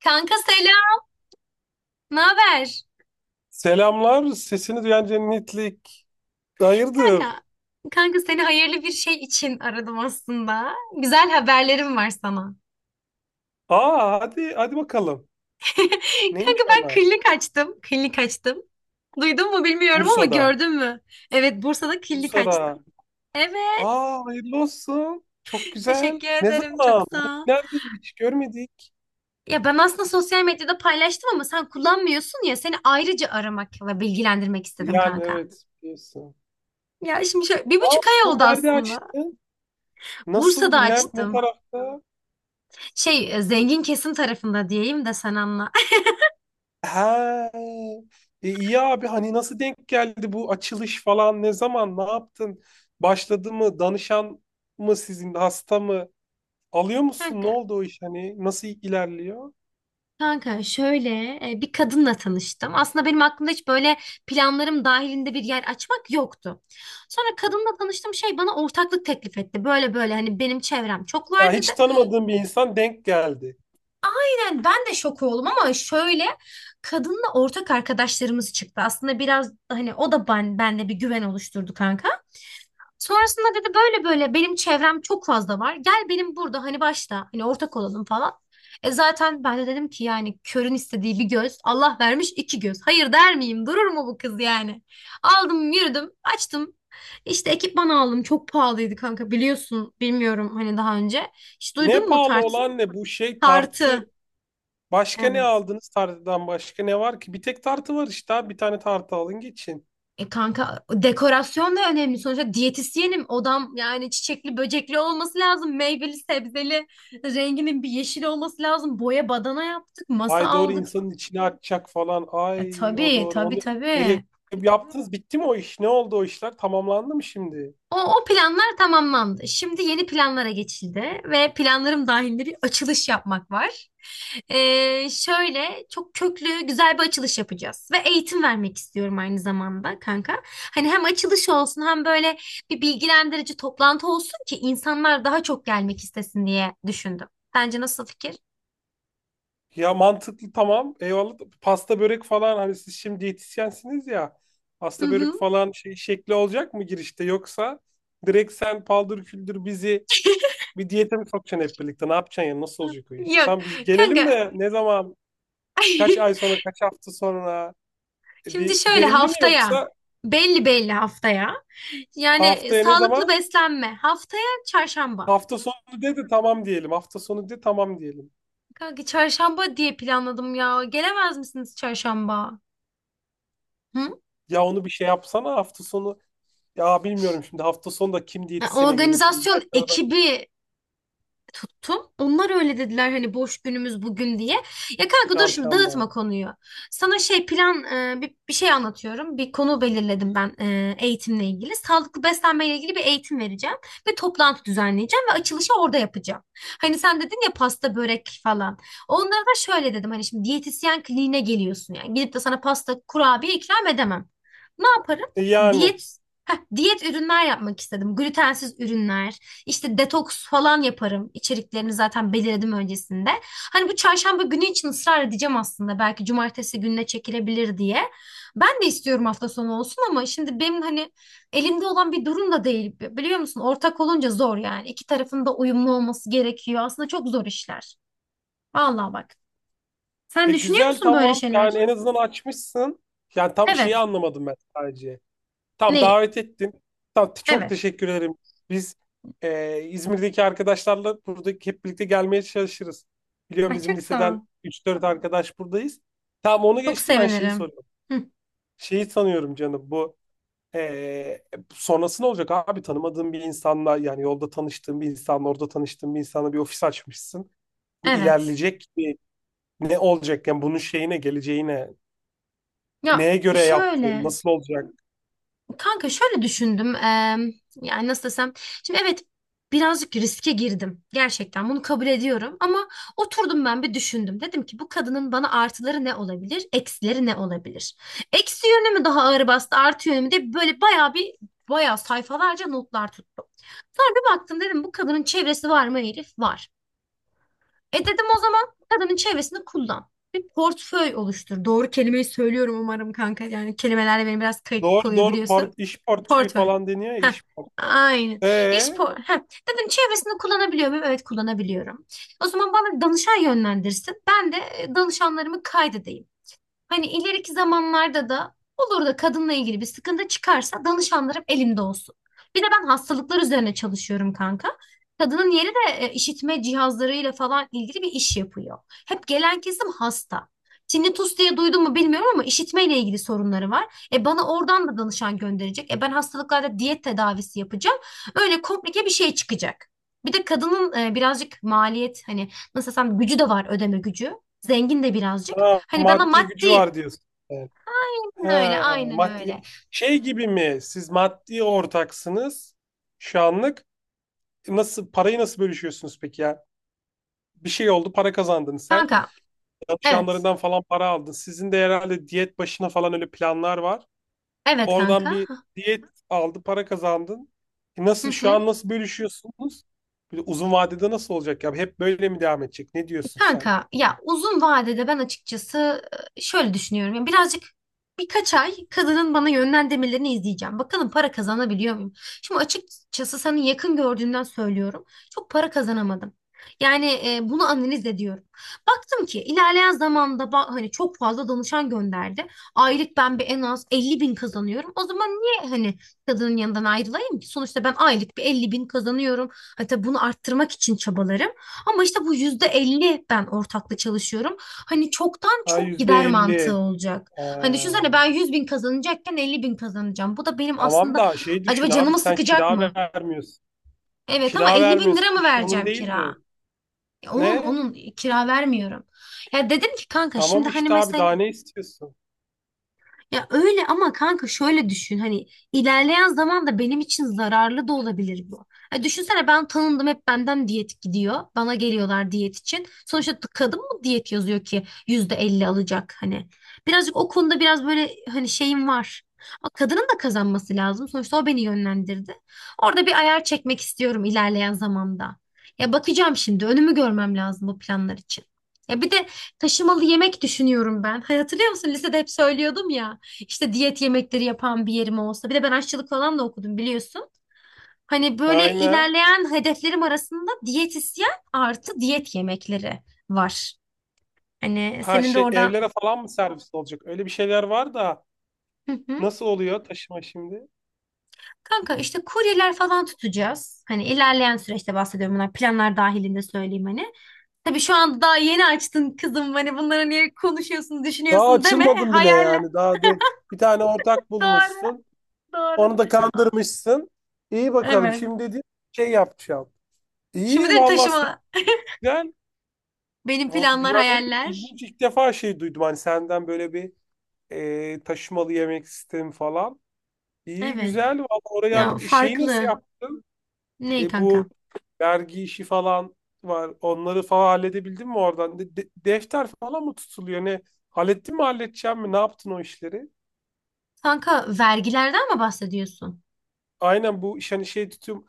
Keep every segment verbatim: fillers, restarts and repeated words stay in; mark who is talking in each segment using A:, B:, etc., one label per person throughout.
A: Kanka selam. Ne haber?
B: Selamlar. Sesini duyan cennetlik. Hayırdır?
A: Kanka, kanka seni hayırlı bir şey için aradım aslında. Güzel haberlerim var sana.
B: Aa hadi hadi bakalım.
A: Kanka
B: Neymiş
A: ben
B: onlar?
A: klinik açtım. Klinik açtım. Duydun mu bilmiyorum ama
B: Bursa'da.
A: gördün mü? Evet, Bursa'da klinik açtım.
B: Bursa'da.
A: Evet,
B: Aa hayırlı olsun. Çok güzel.
A: teşekkür
B: Ne
A: ederim. Çok
B: zaman?
A: sağ ol.
B: Nerede? Hiç görmedik.
A: Ya ben aslında sosyal medyada paylaştım ama sen kullanmıyorsun ya. Seni ayrıca aramak ve bilgilendirmek istedim
B: Yani
A: kanka.
B: evet. Biliyorsun.
A: Ya şimdi şöyle bir
B: Ne
A: buçuk ay
B: yaptın?
A: oldu
B: Nerede
A: aslında.
B: açtın? Nasıl
A: Bursa'da
B: bu? Nerede? Ne
A: açtım.
B: tarafta?
A: Şey e, zengin kesim tarafında diyeyim de sen anla.
B: He. E, iyi abi hani nasıl denk geldi bu açılış falan? Ne zaman? Ne yaptın? Başladı mı? Danışan mı sizin? Hasta mı? Alıyor musun? Ne
A: Kanka,
B: oldu o iş? Hani nasıl ilerliyor?
A: kanka şöyle e, bir kadınla tanıştım. Aslında benim aklımda hiç böyle planlarım dahilinde bir yer açmak yoktu. Sonra kadınla tanıştım şey bana ortaklık teklif etti. Böyle böyle hani benim çevrem çok
B: Ya
A: var dedi.
B: hiç tanımadığım bir insan denk geldi.
A: Yani ben de şok oldum ama şöyle kadınla ortak arkadaşlarımız çıktı. Aslında biraz hani o da ben, bende bir güven oluşturdu kanka. Sonrasında dedi böyle böyle benim çevrem çok fazla var. Gel benim burada hani başta hani ortak olalım falan. E zaten ben de dedim ki yani körün istediği bir göz Allah vermiş iki göz. Hayır der miyim? Durur mu bu kız yani? Aldım yürüdüm açtım. İşte ekipman aldım çok pahalıydı kanka biliyorsun bilmiyorum hani daha önce. Hiç
B: Ne
A: duydun mu
B: pahalı
A: tart
B: olan ne bu şey tartı.
A: tartı?
B: Başka ne
A: Evet.
B: aldınız tartıdan başka ne var ki? Bir tek tartı var işte abi. Bir tane tartı alın geçin.
A: E kanka dekorasyon da önemli. Sonuçta diyetisyenim. Odam yani çiçekli böcekli olması lazım. Meyveli sebzeli renginin bir yeşil olması lazım. Boya badana yaptık. Masa
B: Ay doğru
A: aldık.
B: insanın içine atacak falan.
A: E
B: Ay o
A: tabii
B: doğru.
A: tabii
B: Onu e,
A: tabii.
B: yaptınız. Bitti mi o iş? Ne oldu o işler? Tamamlandı mı şimdi?
A: O, o planlar tamamlandı. Şimdi yeni planlara geçildi ve planlarım dahilinde bir açılış yapmak var. Ee, şöyle çok köklü güzel bir açılış yapacağız ve eğitim vermek istiyorum aynı zamanda kanka. Hani hem açılış olsun hem böyle bir bilgilendirici toplantı olsun ki insanlar daha çok gelmek istesin diye düşündüm. Bence nasıl fikir?
B: Ya mantıklı, tamam. Eyvallah. Pasta börek falan hani siz şimdi diyetisyensiniz ya.
A: Hı
B: Pasta börek
A: hı.
B: falan şey şekli olacak mı girişte, yoksa direkt sen paldır küldür bizi bir diyete mi sokacaksın hep birlikte? Ne yapacaksın ya? Nasıl olacak o iş?
A: Yok
B: Tam biz gelelim
A: kanka.
B: de ne zaman? Kaç ay sonra, kaç hafta sonra? E,
A: Şimdi
B: Bir
A: şöyle
B: belli mi,
A: haftaya
B: yoksa
A: belli belli haftaya. Yani e,
B: haftaya ne
A: sağlıklı
B: zaman?
A: beslenme. Haftaya çarşamba.
B: Hafta sonu dedi tamam diyelim. Hafta sonu de tamam diyelim.
A: Kanka çarşamba diye planladım ya. Gelemez misiniz çarşamba? Hı?
B: Ya onu bir şey yapsana hafta sonu. Ya bilmiyorum, şimdi hafta sonu da kim
A: Ya,
B: diyetisyene gelir şimdi.
A: organizasyon
B: Belki orada.
A: ekibi tuttum. Onlar öyle dediler hani boş günümüz bugün diye. Ya kanka dur şimdi
B: Çarşamba.
A: dağıtma konuyu. Sana şey plan e, bir, bir şey anlatıyorum. Bir konu belirledim ben e, eğitimle ilgili. Sağlıklı beslenmeyle ilgili bir eğitim vereceğim ve toplantı düzenleyeceğim ve açılışı orada yapacağım. Hani sen dedin ya pasta börek falan. Onlara da şöyle dedim hani şimdi diyetisyen kliniğine geliyorsun yani. Gidip de sana pasta kurabiye ikram edemem. Ne yaparım?
B: E Yani
A: Diyet Heh, diyet ürünler yapmak istedim. Glutensiz ürünler, işte detoks falan yaparım. İçeriklerini zaten belirledim öncesinde. Hani bu çarşamba günü için ısrar edeceğim aslında. Belki cumartesi gününe çekilebilir diye. Ben de istiyorum hafta sonu olsun ama şimdi benim hani elimde olan bir durum da değil. Biliyor musun? Ortak olunca zor yani. İki tarafın da uyumlu olması gerekiyor. Aslında çok zor işler. Vallahi bak. Sen
B: e
A: düşünüyor
B: güzel,
A: musun böyle
B: tamam. Yani
A: şeyler?
B: en azından açmışsın. Yani tam şeyi
A: Evet.
B: anlamadım ben sadece. Tam
A: Neyi?
B: davet ettin. Tam çok
A: Evet.
B: teşekkür ederim. Biz e, İzmir'deki arkadaşlarla burada hep birlikte gelmeye çalışırız. Biliyorum,
A: Ay
B: bizim
A: çok sağ ol.
B: liseden üç dört arkadaş buradayız. Tamam, onu
A: Çok
B: geçtim, ben şeyi
A: sevinirim.
B: soruyorum.
A: Hı,
B: Şeyi sanıyorum canım, bu e, sonrası ne olacak abi? Tanımadığın bir insanla, yani yolda tanıştığın bir insanla, orada tanıştığın bir insanla bir ofis açmışsın. Bu
A: evet.
B: ilerleyecek. Ne olacak yani bunun şeyine, geleceğine,
A: Ya
B: neye göre yaptın,
A: şöyle.
B: nasıl olacak?
A: Kanka şöyle düşündüm. eee, yani nasıl desem. Şimdi evet birazcık riske girdim. Gerçekten bunu kabul ediyorum. Ama oturdum ben bir düşündüm. Dedim ki bu kadının bana artıları ne olabilir? Eksileri ne olabilir? Eksi yönü mü daha ağır bastı? Artı yönü mü diye böyle bayağı bir bayağı sayfalarca notlar tuttum. Sonra bir baktım dedim bu kadının çevresi var mı Elif? Var. E dedim o zaman kadının çevresini kullan. Bir portföy oluştur. Doğru kelimeyi söylüyorum umarım kanka. Yani kelimelerle benim biraz kayıt
B: Doğru
A: oluyor
B: doğru,
A: biliyorsun.
B: port, iş portföyü
A: Portföy.
B: falan deniyor ya,
A: Heh,
B: iş portföyü.
A: aynen. İş
B: Ee,
A: por Heh. Dedim çevresinde kullanabiliyor muyum? Evet kullanabiliyorum. O zaman bana danışan yönlendirsin. Ben de e, danışanlarımı kaydedeyim. Hani ileriki zamanlarda da olur da kadınla ilgili bir sıkıntı çıkarsa danışanlarım elimde olsun. Bir de ben hastalıklar üzerine çalışıyorum kanka. Kadının yeri de e, işitme cihazlarıyla falan ilgili bir iş yapıyor. Hep gelen kesim hasta. Tinnitus diye duydun mu bilmiyorum ama işitmeyle ilgili sorunları var. E bana oradan da danışan gönderecek. E ben hastalıklarda diyet tedavisi yapacağım. Öyle komplike bir şey çıkacak. Bir de kadının e, birazcık maliyet hani nasıl desem gücü de var ödeme gücü. Zengin de birazcık.
B: ha,
A: Hani bana
B: maddi gücü
A: maddi.
B: var diyorsun. Evet.
A: Aynen öyle,
B: Ha,
A: aynen öyle.
B: maddi şey gibi mi? Siz maddi ortaksınız şu anlık. Nasıl parayı nasıl bölüşüyorsunuz peki ya? Bir şey oldu, para kazandın sen.
A: Kanka, evet.
B: Çalışanlarından falan para aldın. Sizin de herhalde diyet başına falan öyle planlar var.
A: Evet
B: Oradan
A: kanka.
B: bir diyet aldı, para kazandın. E
A: Hı
B: Nasıl şu
A: hı.
B: an nasıl bölüşüyorsunuz? Bir de uzun vadede nasıl olacak ya? Hep böyle mi devam edecek? Ne diyorsun sen?
A: Kanka ya uzun vadede ben açıkçası e, şöyle düşünüyorum. Yani birazcık birkaç ay kadının bana yönlendirmelerini izleyeceğim. Bakalım para kazanabiliyor muyum? Şimdi açıkçası senin yakın gördüğümden söylüyorum. Çok para kazanamadım. Yani e, bunu analiz ediyorum. Baktım ki ilerleyen zamanda ba- hani çok fazla danışan gönderdi. Aylık ben bir en az elli bin kazanıyorum. O zaman niye hani kadının yanından ayrılayım ki? Sonuçta ben aylık bir elli bin kazanıyorum. Hatta bunu arttırmak için çabalarım. Ama işte bu yüzde elli ben ortakla çalışıyorum. Hani çoktan
B: Ha,
A: çok
B: yüzde
A: gider mantığı
B: elli.
A: olacak.
B: Ee,
A: Hani düşünsene ben yüz bin kazanacakken elli bin kazanacağım. Bu da benim
B: tamam
A: aslında
B: da şey düşün
A: acaba
B: abi,
A: canımı
B: sen
A: sıkacak
B: kira
A: mı?
B: vermiyorsun.
A: Evet ama
B: Kira
A: elli bin
B: vermiyorsun.
A: lira mı
B: İş onun
A: vereceğim
B: değil
A: kira?
B: mi?
A: Ya onun
B: Ne?
A: onun kira vermiyorum. Ya dedim ki kanka şimdi
B: Tamam
A: hani
B: işte abi,
A: mesela.
B: daha ne istiyorsun?
A: Ya öyle ama kanka şöyle düşün hani ilerleyen zaman da benim için zararlı da olabilir bu. Ya düşünsene ben tanındım hep benden diyet gidiyor. Bana geliyorlar diyet için. Sonuçta t- kadın mı diyet yazıyor ki yüzde elli alacak hani. Birazcık o konuda biraz böyle hani şeyim var. Ama kadının da kazanması lazım. Sonuçta o beni yönlendirdi. Orada bir ayar çekmek istiyorum ilerleyen zamanda. Ya bakacağım şimdi önümü görmem lazım bu planlar için. Ya bir de taşımalı yemek düşünüyorum ben. Hay- Hatırlıyor musun? Lisede hep söylüyordum ya. İşte diyet yemekleri yapan bir yerim olsa. Bir de ben aşçılık falan da okudum biliyorsun. Hani böyle
B: Aynen.
A: ilerleyen hedeflerim arasında diyetisyen artı diyet yemekleri var. Hani
B: Ha
A: senin de
B: şey,
A: oradan.
B: evlere falan mı servis olacak? Öyle bir şeyler var da
A: Hı hı.
B: nasıl oluyor taşıma şimdi?
A: Kanka işte kuryeler falan tutacağız. Hani ilerleyen süreçte bahsediyorum bunlar planlar dahilinde söyleyeyim hani. Tabii şu anda daha yeni açtın kızım hani bunları niye konuşuyorsun
B: Daha
A: düşünüyorsun deme
B: açılmadın bile
A: hayaller.
B: yani. Daha dur. Bir tane ortak
A: Doğru
B: bulmuşsun. Onu
A: doğru.
B: da kandırmışsın. İyi bakalım,
A: Evet.
B: şimdi dedi şey yapacağım.
A: Şimdi
B: İyi
A: de
B: vallahi,
A: taşıma
B: güzel.
A: benim
B: Bu- Yani
A: planlar
B: ne
A: hayaller.
B: ilginç, ilk defa şey duydum hani senden, böyle bir e, taşımalı yemek sistemi falan. İyi
A: Evet.
B: güzel vallahi, oraya
A: Ya
B: hallet- şeyi nasıl
A: farklı.
B: yaptın?
A: Ne
B: E,
A: kanka?
B: bu vergi işi falan var. Onları falan halledebildin mi oradan? De- de- defter falan mı tutuluyor? Ne, hallettin mi, halledeceğim mi? Ne yaptın o işleri?
A: Kanka vergilerden mi bahsediyorsun?
B: Aynen, bu iş hani şey tutum,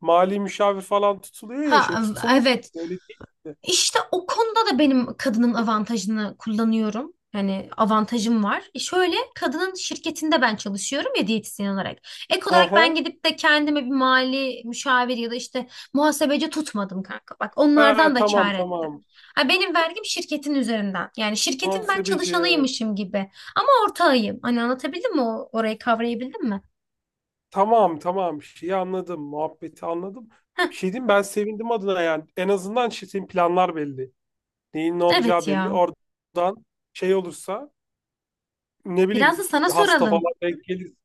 B: mali müşavir falan tutuluyor ya, şey
A: Ha
B: tutulmuyor.
A: evet.
B: Öyle değil.
A: İşte o konuda da benim kadının avantajını kullanıyorum. Yani avantajım var. E şöyle kadının şirketinde ben çalışıyorum ya diyetisyen olarak. Ek
B: Hı
A: olarak ben
B: hı.
A: gidip de kendime bir mali müşavir ya da işte muhasebeci tutmadım kanka. Bak
B: Ha,
A: onlardan da
B: tamam. Tamam.
A: kâr ettim.
B: tamam.
A: Ha, benim vergim şirketin üzerinden. Yani şirketin ben
B: Muhasebeci, evet.
A: çalışanıymışım gibi. Ama ortağıyım. Hani anlatabildim mi? O- Orayı kavrayabildim mi?
B: Tamam tamam, şeyi anladım. Muhabbeti anladım. Bir şey diyeyim, ben sevindim adına yani. En azından şey, planlar belli. Neyin ne olacağı
A: Evet
B: belli.
A: ya.
B: Oradan şey olursa, ne
A: Biraz
B: bileyim,
A: da sana
B: hasta
A: soralım.
B: falan denk gelirse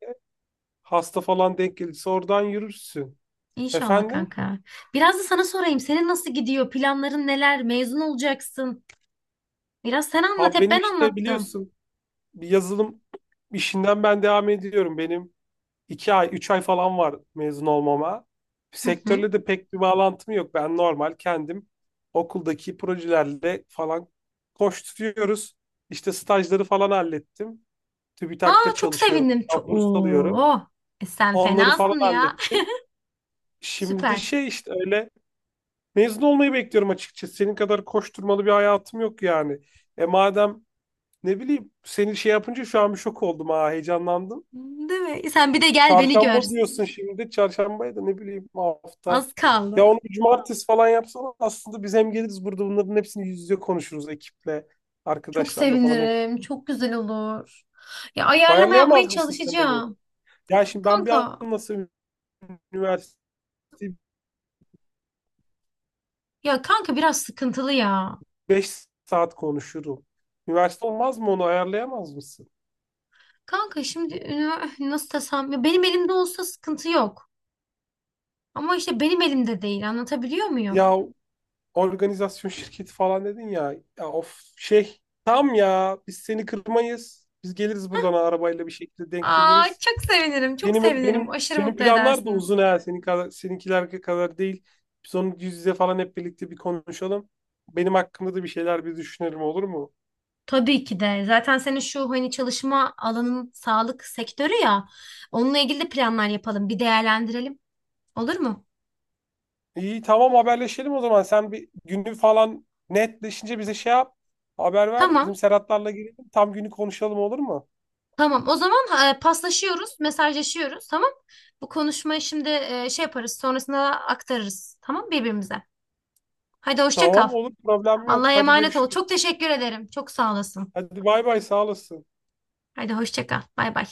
B: hasta falan denk gelirse oradan yürürsün.
A: İnşallah
B: Efendim?
A: kanka. Biraz da sana sorayım. Senin nasıl gidiyor? Planların neler? Mezun olacaksın. Biraz sen anlat.
B: Abi,
A: Hep
B: benim
A: ben
B: işte
A: anlattım.
B: biliyorsun, bir yazılım işinden ben devam ediyorum. Benim iki ay, üç ay falan var mezun olmama.
A: Hı hı.
B: Sektörle de pek bir bağlantım yok. Ben normal kendim okuldaki projelerle falan koşturuyoruz. İşte stajları falan hallettim. TÜBİTAK'ta
A: Aa çok
B: çalışıyorum.
A: sevindim.
B: Buradan
A: Çok...
B: Burs alıyorum.
A: Oo. E sen
B: Onları falan
A: fenasın ya.
B: hallettim. Şimdi de
A: Süper.
B: şey işte, öyle mezun olmayı bekliyorum açıkçası. Senin kadar koşturmalı bir hayatım yok yani. E madem ne bileyim, seni şey yapınca şu an bir şok oldum, ha, heyecanlandım.
A: Değil mi? E, sen bir de gel beni gör.
B: Çarşamba diyorsun şimdi. Çarşambaya da ne bileyim, hafta.
A: Az
B: Ya
A: kaldı.
B: onu bir cumartesi falan yapsana. Aslında biz hem geliriz, burada bunların hepsini yüz yüze konuşuruz ekiple,
A: Çok
B: arkadaşlarla falan hep.
A: sevinirim. Çok güzel olur. Ya ayarlama yapmaya
B: Ayarlayamaz mısın sen onu?
A: çalışacağım.
B: Ya şimdi ben bir
A: Kanka.
B: anlasam üniversiteyi,
A: Ya kanka biraz sıkıntılı ya.
B: beş saat konuşurum. Üniversite olmaz mı, onu ayarlayamaz mısın?
A: Kanka şimdi ünivers- nasıl desem ya benim elimde olsa sıkıntı yok. Ama işte benim elimde değil anlatabiliyor muyum?
B: Ya, organizasyon şirketi falan dedin ya. Ya of, şey tam, ya biz seni kırmayız. Biz geliriz buradan arabayla, bir şekilde denk
A: Aa
B: geliriz.
A: çok sevinirim çok
B: Benim
A: sevinirim
B: benim
A: aşırı
B: benim
A: mutlu
B: planlar da
A: edersiniz.
B: uzun ha. Senin kadar, seninkiler kadar değil. Biz onu yüz yüze falan hep birlikte bir konuşalım. Benim hakkımda da bir şeyler bir düşünelim, olur mu?
A: Tabii ki de zaten senin şu hani çalışma alanın sağlık sektörü ya onunla ilgili de planlar yapalım bir değerlendirelim olur mu?
B: İyi tamam, haberleşelim o zaman. Sen bir günü falan netleşince bize şey yap. Haber ver. Bizim
A: Tamam
B: Serhatlarla gelelim. Tam günü konuşalım, olur mu?
A: tamam o zaman e, paslaşıyoruz mesajlaşıyoruz tamam. Bu konuşmayı şimdi e, şey yaparız sonrasında aktarırız tamam birbirimize. Hadi hoşça kal.
B: Tamam, olur, problem yok.
A: Allah'a
B: Hadi
A: emanet ol.
B: görüşürüz.
A: Çok teşekkür ederim. Çok sağ olasın.
B: Hadi bay bay, sağ olasın.
A: Hadi hoşça kal. Bay bay.